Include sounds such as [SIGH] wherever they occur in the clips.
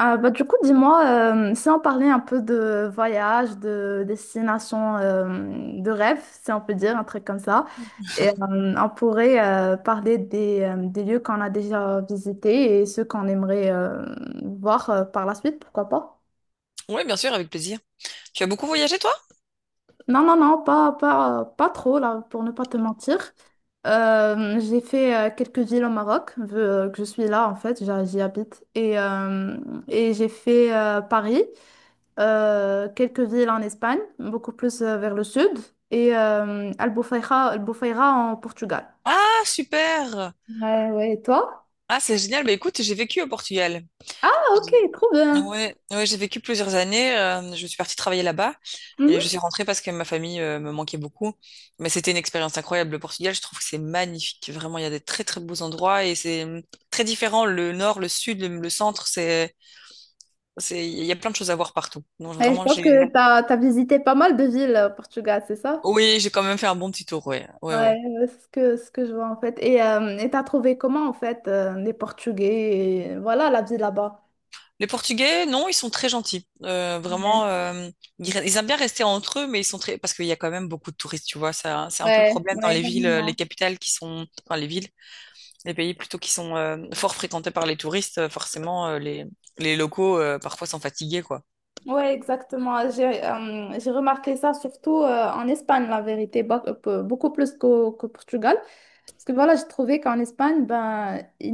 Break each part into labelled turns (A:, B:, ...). A: Ah, bah, du coup, dis-moi, si on parlait un peu de voyage, de destination de rêve, si on peut dire, un truc comme ça, et on pourrait parler des lieux qu'on a déjà visités et ceux qu'on aimerait voir par la suite, pourquoi pas?
B: Oui, bien sûr, avec plaisir. Tu as beaucoup voyagé, toi?
A: Non, non, non, pas trop, là, pour ne pas te mentir. J'ai fait quelques villes au Maroc, vu que je suis là en fait, j'y habite. Et j'ai fait Paris. Quelques villes en Espagne, beaucoup plus vers le sud, et Albufeira, Albufeira en Portugal.
B: Ah, super!
A: Ouais, ouais, et toi?
B: Ah, c'est génial. Bah, écoute, j'ai vécu au Portugal.
A: Ah, ok,
B: J'ai-
A: trop bien.
B: Ouais, ouais, j'ai vécu plusieurs années. Je suis partie travailler là-bas et je suis
A: Mhm.
B: rentrée parce que ma famille me manquait beaucoup. Mais c'était une expérience incroyable. Le Portugal, je trouve que c'est magnifique. Vraiment, il y a des très très beaux endroits et c'est très différent. Le nord, le sud, le centre, il y a plein de choses à voir partout. Donc
A: Ouais, je
B: vraiment,
A: pense
B: j'ai,
A: que t'as visité pas mal de villes au Portugal, c'est ça?
B: oui, j'ai quand même fait un bon petit tour. Ouais, ouais, ouais.
A: Ouais, c'est ce que je vois en fait. Et t'as trouvé comment en fait les Portugais, et voilà la vie là-bas.
B: Les Portugais, non, ils sont très gentils.
A: Ouais,
B: Vraiment, ils aiment bien rester entre eux, mais ils sont très. Parce qu'il y a quand même beaucoup de touristes, tu vois. Ça, c'est un peu le
A: ouais,
B: problème dans
A: ouais,
B: les villes, les
A: énormément.
B: capitales qui sont. Enfin, les villes, les pays plutôt qui sont fort fréquentés par les touristes. Forcément, les locaux, parfois, sont fatigués, quoi.
A: Ouais, exactement. J'ai remarqué ça surtout en Espagne, la vérité, beaucoup plus qu'au Portugal. Parce que voilà, j'ai trouvé qu'en Espagne, ben, ils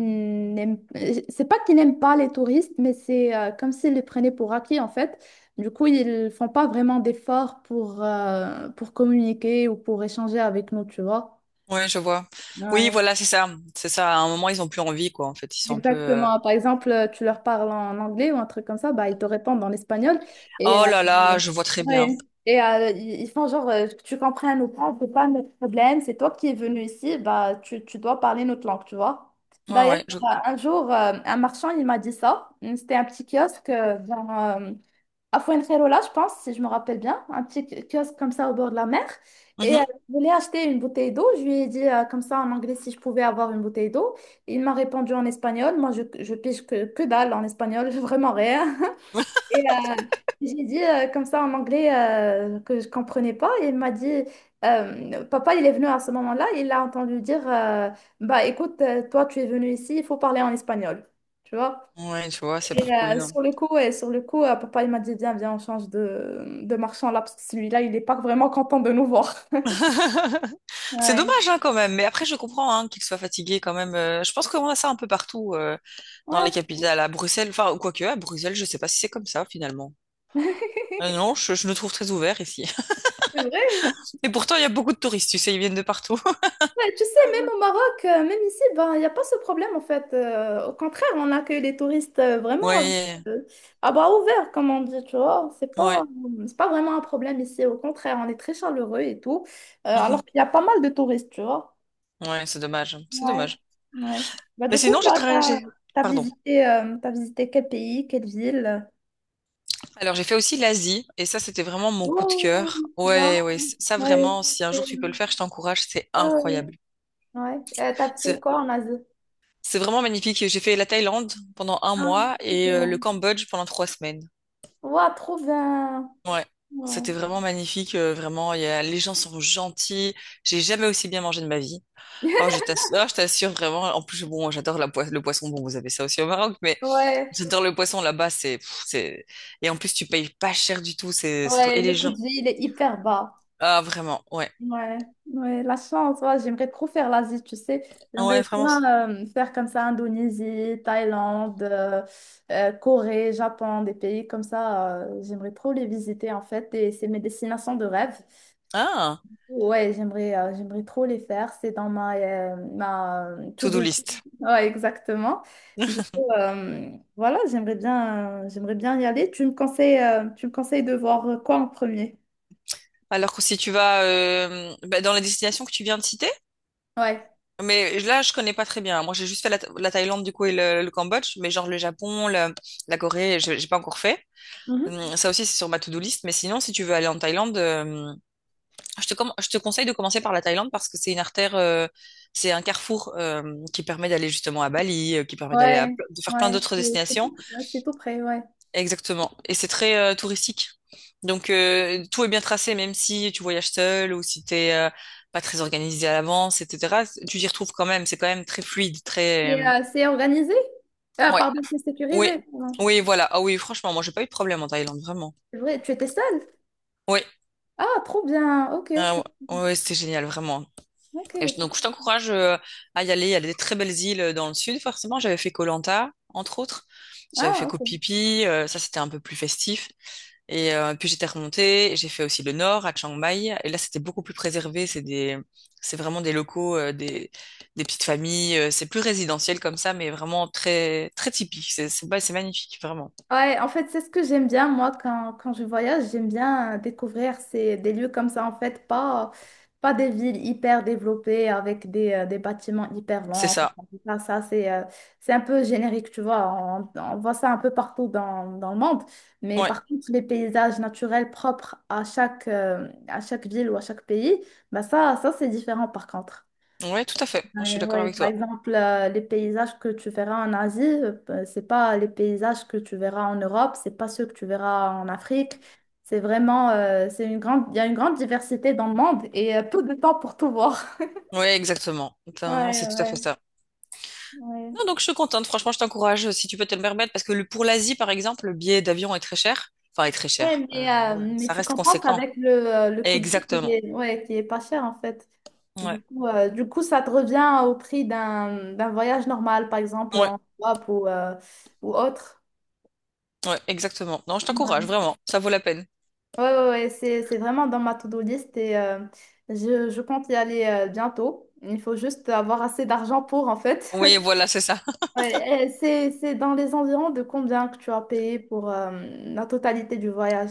A: c'est pas qu'ils n'aiment pas les touristes, mais c'est comme s'ils les prenaient pour acquis, en fait. Du coup, ils font pas vraiment d'efforts pour communiquer ou pour échanger avec nous, tu vois.
B: Ouais, je vois. Oui,
A: Ouais.
B: voilà, c'est ça. C'est ça. À un moment, ils ont plus envie, quoi, en fait. Ils sont un peu.
A: Exactement. Par exemple, tu leur parles en anglais ou un truc comme ça, bah, ils te répondent en espagnol.
B: Oh
A: Et, euh,
B: là là, je vois très bien.
A: ouais. Et ils font genre, que tu comprennes ou pas, c'est pas notre problème, c'est toi qui es venu ici, bah, tu dois parler notre langue, tu vois.
B: Ouais,
A: D'ailleurs,
B: ouais.
A: un jour, un marchand, il m'a dit ça. C'était un petit kiosque euh, à Fuengirola, je pense, si je me rappelle bien, un petit kiosque comme ça au bord de la mer. Et
B: Mhm.
A: je voulais acheter une bouteille d'eau. Je lui ai dit comme ça en anglais si je pouvais avoir une bouteille d'eau. Il m'a répondu en espagnol. Moi, je pige que dalle en espagnol, [LAUGHS] vraiment rien.
B: [LAUGHS]
A: Et j'ai dit comme ça en anglais que je comprenais pas. Et il m'a dit, papa, il est venu à ce moment-là. Il a entendu dire, bah écoute, toi, tu es venu ici, il faut parler en espagnol. Tu vois?
B: Ouais, tu vois, c'est pas
A: Et
B: cool. Non.
A: sur le coup papa il m'a dit, viens, viens, on change de marchand là, parce que celui-là, il n'est pas vraiment content de nous voir.
B: [LAUGHS] C'est
A: Ouais.
B: dommage hein, quand même, mais après je comprends hein, qu'il soit fatigué quand même. Je pense qu'on a ça un peu partout dans
A: Ouais,
B: les
A: je comprends.
B: capitales, à Bruxelles, enfin quoique à Bruxelles, je sais pas si c'est comme ça finalement.
A: [LAUGHS]
B: Non, je le trouve très ouvert ici.
A: C'est vrai.
B: [LAUGHS] Et pourtant il y a beaucoup de touristes, tu sais, ils viennent de partout. [LAUGHS]
A: Ouais, tu sais, même au Maroc, même ici, ben, il n'y a pas ce problème en fait. Au contraire, on accueille les touristes vraiment avec,
B: Ouais,
A: euh, à bras ouverts, comme on dit, tu vois.
B: ouais,
A: C'est pas vraiment un problème ici. Au contraire, on est très chaleureux et tout. Alors
B: mhm.
A: qu'il y a pas mal de touristes, tu vois.
B: Ouais, c'est dommage, c'est
A: Ouais,
B: dommage.
A: ouais. Bah,
B: Mais
A: du coup,
B: sinon pardon.
A: t'as visité quel pays, quelle ville?
B: Alors j'ai fait aussi l'Asie et ça c'était vraiment mon coup de
A: Oh,
B: cœur.
A: wow,
B: Ouais, ouais, ça
A: ouais.
B: vraiment, si un jour
A: c'est-
B: tu peux le faire, je t'encourage, c'est
A: Ouais, ouais.
B: incroyable.
A: Ouais. T'as fait quoi en Asie?
B: C'est vraiment magnifique. J'ai fait la Thaïlande pendant un
A: Ah,
B: mois
A: trop
B: et le
A: bien.
B: Cambodge pendant 3 semaines.
A: Wow, trop bien.
B: Ouais,
A: Ouais.
B: c'était vraiment magnifique. Vraiment, les gens sont gentils. J'ai jamais aussi bien mangé de ma vie. Oh,
A: [LAUGHS]
B: je t'assure vraiment. En plus, bon, j'adore la le poisson. Bon, vous avez ça aussi au Maroc, mais
A: Ouais,
B: j'adore le poisson là-bas. C'est, et en plus, tu payes pas cher du tout. C'est, c'est trop-
A: ouais,
B: et
A: le
B: les
A: coût
B: gens.
A: de vie, il est hyper bas.
B: Ah, vraiment, ouais.
A: Ouais, ouais, la chance, ouais, j'aimerais trop faire l'Asie, tu sais.
B: Ah ouais,
A: J'aimerais
B: vraiment.
A: bien faire comme ça Indonésie, Thaïlande, Corée, Japon, des pays comme ça. J'aimerais trop les visiter en fait et c'est mes destinations de rêve.
B: Ah,
A: Ouais, j'aimerais trop les faire. C'est dans ma to-do
B: to-do
A: list.
B: list.
A: Ouais, exactement. Du
B: [LAUGHS]
A: coup, voilà, j'aimerais bien y aller. Tu me conseilles de voir quoi en premier?
B: Alors que si tu vas bah, dans la destination que tu viens de citer.
A: Ouais.
B: Mais là, je connais pas très bien. Moi, j'ai juste fait la Thaïlande, du coup, et le Cambodge. Mais genre le Japon, la Corée, j'ai pas encore fait. Ça aussi, c'est sur ma to-do list. Mais sinon, si tu veux aller en Thaïlande, je te conseille de commencer par la Thaïlande parce que c'est une artère, c'est un carrefour qui permet d'aller justement à Bali, qui permet d'aller
A: Ouais,
B: de faire plein
A: ouais,
B: d'autres
A: c'est
B: destinations.
A: c'est tout près, ouais.
B: Exactement. Et c'est très touristique. Donc tout est bien tracé, même si tu voyages seul ou si t'es pas très organisé à l'avance, etc. Tu t'y retrouves quand même. C'est quand même très fluide, très.
A: Et, c'est organisé? Ah,
B: Ouais.
A: pardon, c'est
B: Oui.
A: sécurisé. Pardon.
B: Oui, voilà. Ah oui, franchement, moi j'ai pas eu de problème en Thaïlande, vraiment.
A: C'est vrai, tu étais seule?
B: Oui.
A: Ah, trop bien. Ok,
B: Ah
A: ok,
B: ouais, ouais, c'était génial, vraiment.
A: ok.
B: Et donc je t'encourage à y aller. Il y a des très belles îles dans le sud, forcément. J'avais fait Koh Lanta, entre autres. J'avais fait
A: Ah,
B: Koh
A: ok.
B: Phi Phi. Ça, c'était un peu plus festif. Et puis j'étais remontée, et j'ai fait aussi le nord à Chiang Mai. Et là, c'était beaucoup plus préservé. C'est vraiment des locaux, des petites familles. C'est plus résidentiel comme ça, mais vraiment très, très typique. Bah, c'est magnifique, vraiment.
A: Ouais, en fait, c'est ce que j'aime bien, moi, quand je voyage, j'aime bien découvrir ces, des lieux comme ça, en fait, pas des villes hyper développées avec des bâtiments hyper
B: C'est
A: longs.
B: ça.
A: Ça c'est un peu générique, tu vois, on voit ça un peu partout dans le monde, mais
B: Ouais,
A: par contre, les paysages naturels propres à à chaque ville ou à chaque pays, ça c'est différent par contre.
B: ouais, tout à fait. Je suis
A: Ouais,
B: d'accord
A: ouais.
B: avec
A: Par
B: toi.
A: exemple, les paysages que tu verras en Asie, c'est pas les paysages que tu verras en Europe, c'est pas ceux que tu verras en Afrique. C'est vraiment, il y a une grande diversité dans le monde et peu de temps pour tout voir. [LAUGHS]
B: Ouais, exactement.
A: Ouais,
B: Non, c'est tout à fait
A: ouais,
B: ça.
A: ouais.
B: Non, donc je suis contente. Franchement, je t'encourage si tu peux te le permettre, parce que pour l'Asie, par exemple, le billet d'avion est très cher. Enfin, est très
A: Ouais,
B: cher. Euh, ouais,
A: mais
B: ça
A: tu
B: reste
A: compenses
B: conséquent.
A: avec le coût de vie qui
B: Exactement.
A: est, ouais, qui est pas cher en fait.
B: Ouais.
A: Du coup, ça te revient au prix d'un voyage normal, par exemple
B: Ouais.
A: en Europe ou autre.
B: Ouais, exactement. Non, je t'encourage, vraiment. Ça vaut la peine.
A: Ouais, ouais, ouais, c'est vraiment dans ma to-do list et je compte y aller bientôt. Il faut juste avoir assez d'argent pour, en fait.
B: Oui,
A: [LAUGHS]
B: voilà, c'est ça. [LAUGHS]
A: Ouais, et c'est dans les environs de combien que tu as payé pour la totalité du voyage?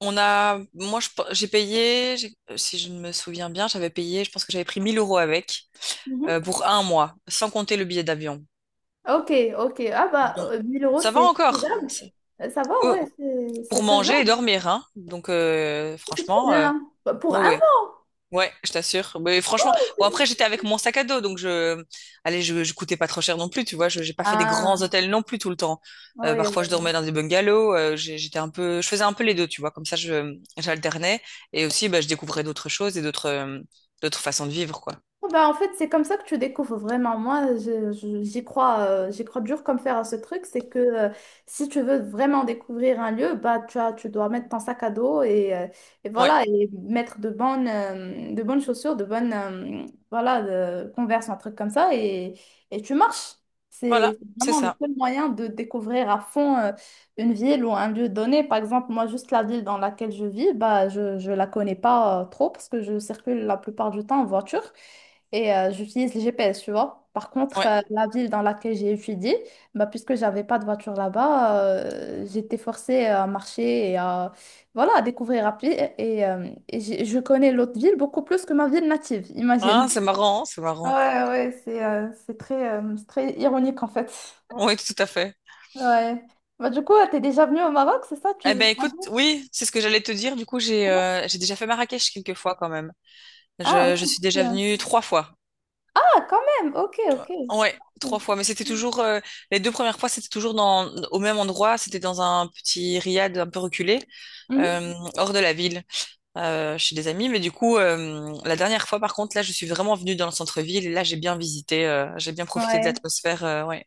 B: Moi, j'ai payé, si je ne me souviens bien, j'avais payé, je pense que j'avais pris 1 000 € avec,
A: Mhm.
B: pour un mois, sans compter le billet d'avion.
A: Ok, ok. Ah bah,
B: Donc,
A: 1000 euros,
B: ça va
A: c'est
B: encore.
A: faisable.
B: C'est-
A: Ça va,
B: ouais,
A: ouais, c'est
B: pour manger et
A: faisable.
B: dormir, hein. Donc,
A: C'est trop
B: franchement,
A: bien. Bah, pour un
B: ouais, ouais.
A: mois.
B: Ouais, je t'assure. Mais franchement, bon après
A: c'est-
B: j'étais avec mon sac à dos, donc allez, je coûtais pas trop cher non plus, tu vois. J'ai pas fait des grands
A: Ah,
B: hôtels non plus tout le temps. Euh,
A: oui.
B: parfois je dormais dans des bungalows. J'étais un peu, je faisais un peu les deux, tu vois. Comme ça, j'alternais et aussi, bah, je découvrais d'autres choses et d'autres façons de vivre, quoi.
A: Oh, bah, en fait, c'est comme ça que tu découvres vraiment. Moi, j'y crois dur comme fer à ce truc. C'est que si tu veux vraiment découvrir un lieu, bah, tu as, tu dois mettre ton sac à dos et
B: Ouais,
A: voilà, et mettre de bonnes chaussures, de bonnes, voilà, de Converse, un truc comme ça, et tu marches.
B: voilà,
A: C'est
B: c'est
A: vraiment le
B: ça.
A: seul moyen de découvrir à fond une ville ou un lieu donné. Par exemple, moi, juste la ville dans laquelle je vis, bah, je ne la connais pas trop parce que je circule la plupart du temps en voiture et j'utilise le GPS, tu vois. Par contre,
B: Ouais.
A: la ville dans laquelle j'ai étudié, bah, puisque j'avais pas de voiture là-bas, j'étais forcée à marcher et à, voilà, à découvrir à pied. Je connais l'autre ville beaucoup plus que ma ville native, [LAUGHS]
B: Ah,
A: imagine.
B: c'est marrant, hein, c'est
A: Ouais,
B: marrant.
A: ouais, c'est c'est très ironique en fait.
B: Oui, tout à fait.
A: Ouais. Bah, du coup, t'es déjà venu au Maroc, c'est ça? Tu...
B: Eh ben
A: tu m'as
B: écoute,
A: dit
B: oui, c'est ce que j'allais te dire. Du coup, j'ai,
A: non.
B: euh, j'ai déjà fait Marrakech quelques fois quand même.
A: Ah,
B: Je suis
A: ok.
B: déjà venue trois fois.
A: Ah, quand même, ok, ok.
B: Ouais,
A: Ouais,
B: trois fois. Mais c'était toujours les deux premières fois, c'était toujours dans au même endroit. C'était dans un petit riad un peu reculé,
A: mhm.
B: hors de la ville, chez des amis. Mais du coup, la dernière fois, par contre, là, je suis vraiment venue dans le centre-ville. Et là, j'ai bien visité, j'ai bien profité de
A: Ouais.
B: l'atmosphère, ouais,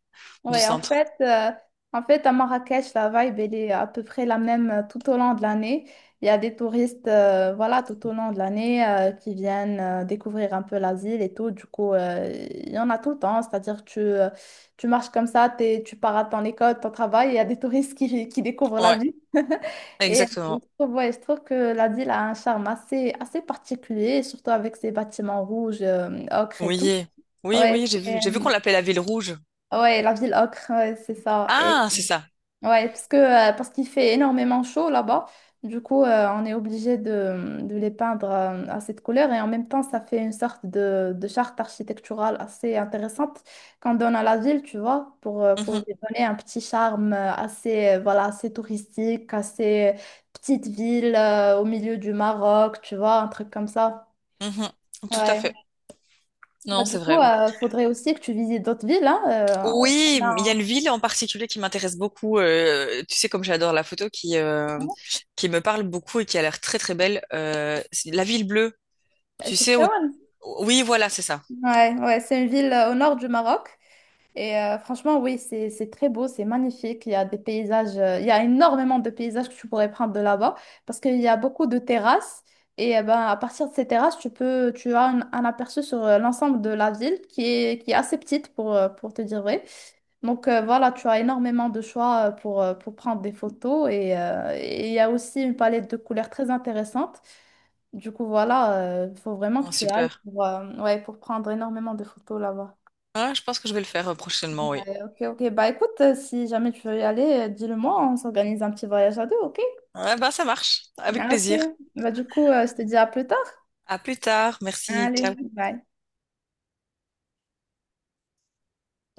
B: du
A: Ouais,
B: centre.
A: en fait, à Marrakech, la vibe, elle est à peu près la même tout au long de l'année. Il y a des touristes, voilà, tout au long de l'année qui viennent découvrir un peu la ville et tout. Du coup, il y en a tout le temps. Tu marches comme ça, tu pars à ton école, ton travail, il y a des touristes qui découvrent la
B: Ouais,
A: ville. Et je
B: exactement.
A: trouve, ouais, je trouve que la ville a un charme assez, assez particulier, surtout avec ses bâtiments rouges, ocre et tout.
B: Oui, oui, oui.
A: Ouais,
B: J'ai vu, j'ai vu qu'on l'appelait la ville rouge.
A: ouais, la ville ocre, ouais, c'est ça.
B: Ah, c'est ça.
A: Ouais, parce que, parce qu'il fait énormément chaud là-bas. Du coup, on est obligé de les peindre à cette couleur et en même temps, ça fait une sorte de charte architecturale assez intéressante qu'on donne à la ville, tu vois, pour
B: Mhm,
A: lui donner un petit charme voilà, assez touristique, assez petite ville au milieu du Maroc, tu vois, un truc comme ça.
B: mhm. Tout à fait.
A: Ouais. Bah,
B: Non,
A: du
B: c'est
A: coup,
B: vrai.
A: il faudrait aussi que tu visites d'autres villes, hein.
B: Oui,
A: On
B: il y a une
A: a...
B: ville en particulier qui m'intéresse beaucoup. Tu sais, comme j'adore la photo, qui me parle beaucoup et qui a l'air très très belle. C'est la ville bleue. Tu sais où?
A: Chefchaouen.
B: Oui, voilà, c'est ça.
A: Ouais, ouais, c'est une ville au nord du Maroc. Et franchement, oui, c'est très beau, c'est magnifique. Il y a des paysages, il y a énormément de paysages que tu pourrais prendre de là-bas parce qu'il y a beaucoup de terrasses. Et ben, à partir de ces terrasses, tu as un aperçu sur l'ensemble de la ville qui est assez petite pour te dire vrai. Donc voilà, tu as énormément de choix pour prendre des photos et il y a aussi une palette de couleurs très intéressante. Du coup, voilà, il faut vraiment que
B: Oh,
A: tu ailles
B: super.
A: pour, ouais, pour prendre énormément de photos là-bas.
B: Ah, je pense que je vais le faire prochainement, oui.
A: Ok, ok. Bah écoute, si jamais tu veux y aller, dis-le-moi, on s'organise un petit voyage à deux, ok?
B: Ah, ben, ça marche. Avec
A: Ah, ok.
B: plaisir.
A: Bah du coup, je te dis à plus tard.
B: À plus tard. Merci. Ciao.
A: Allez, bye.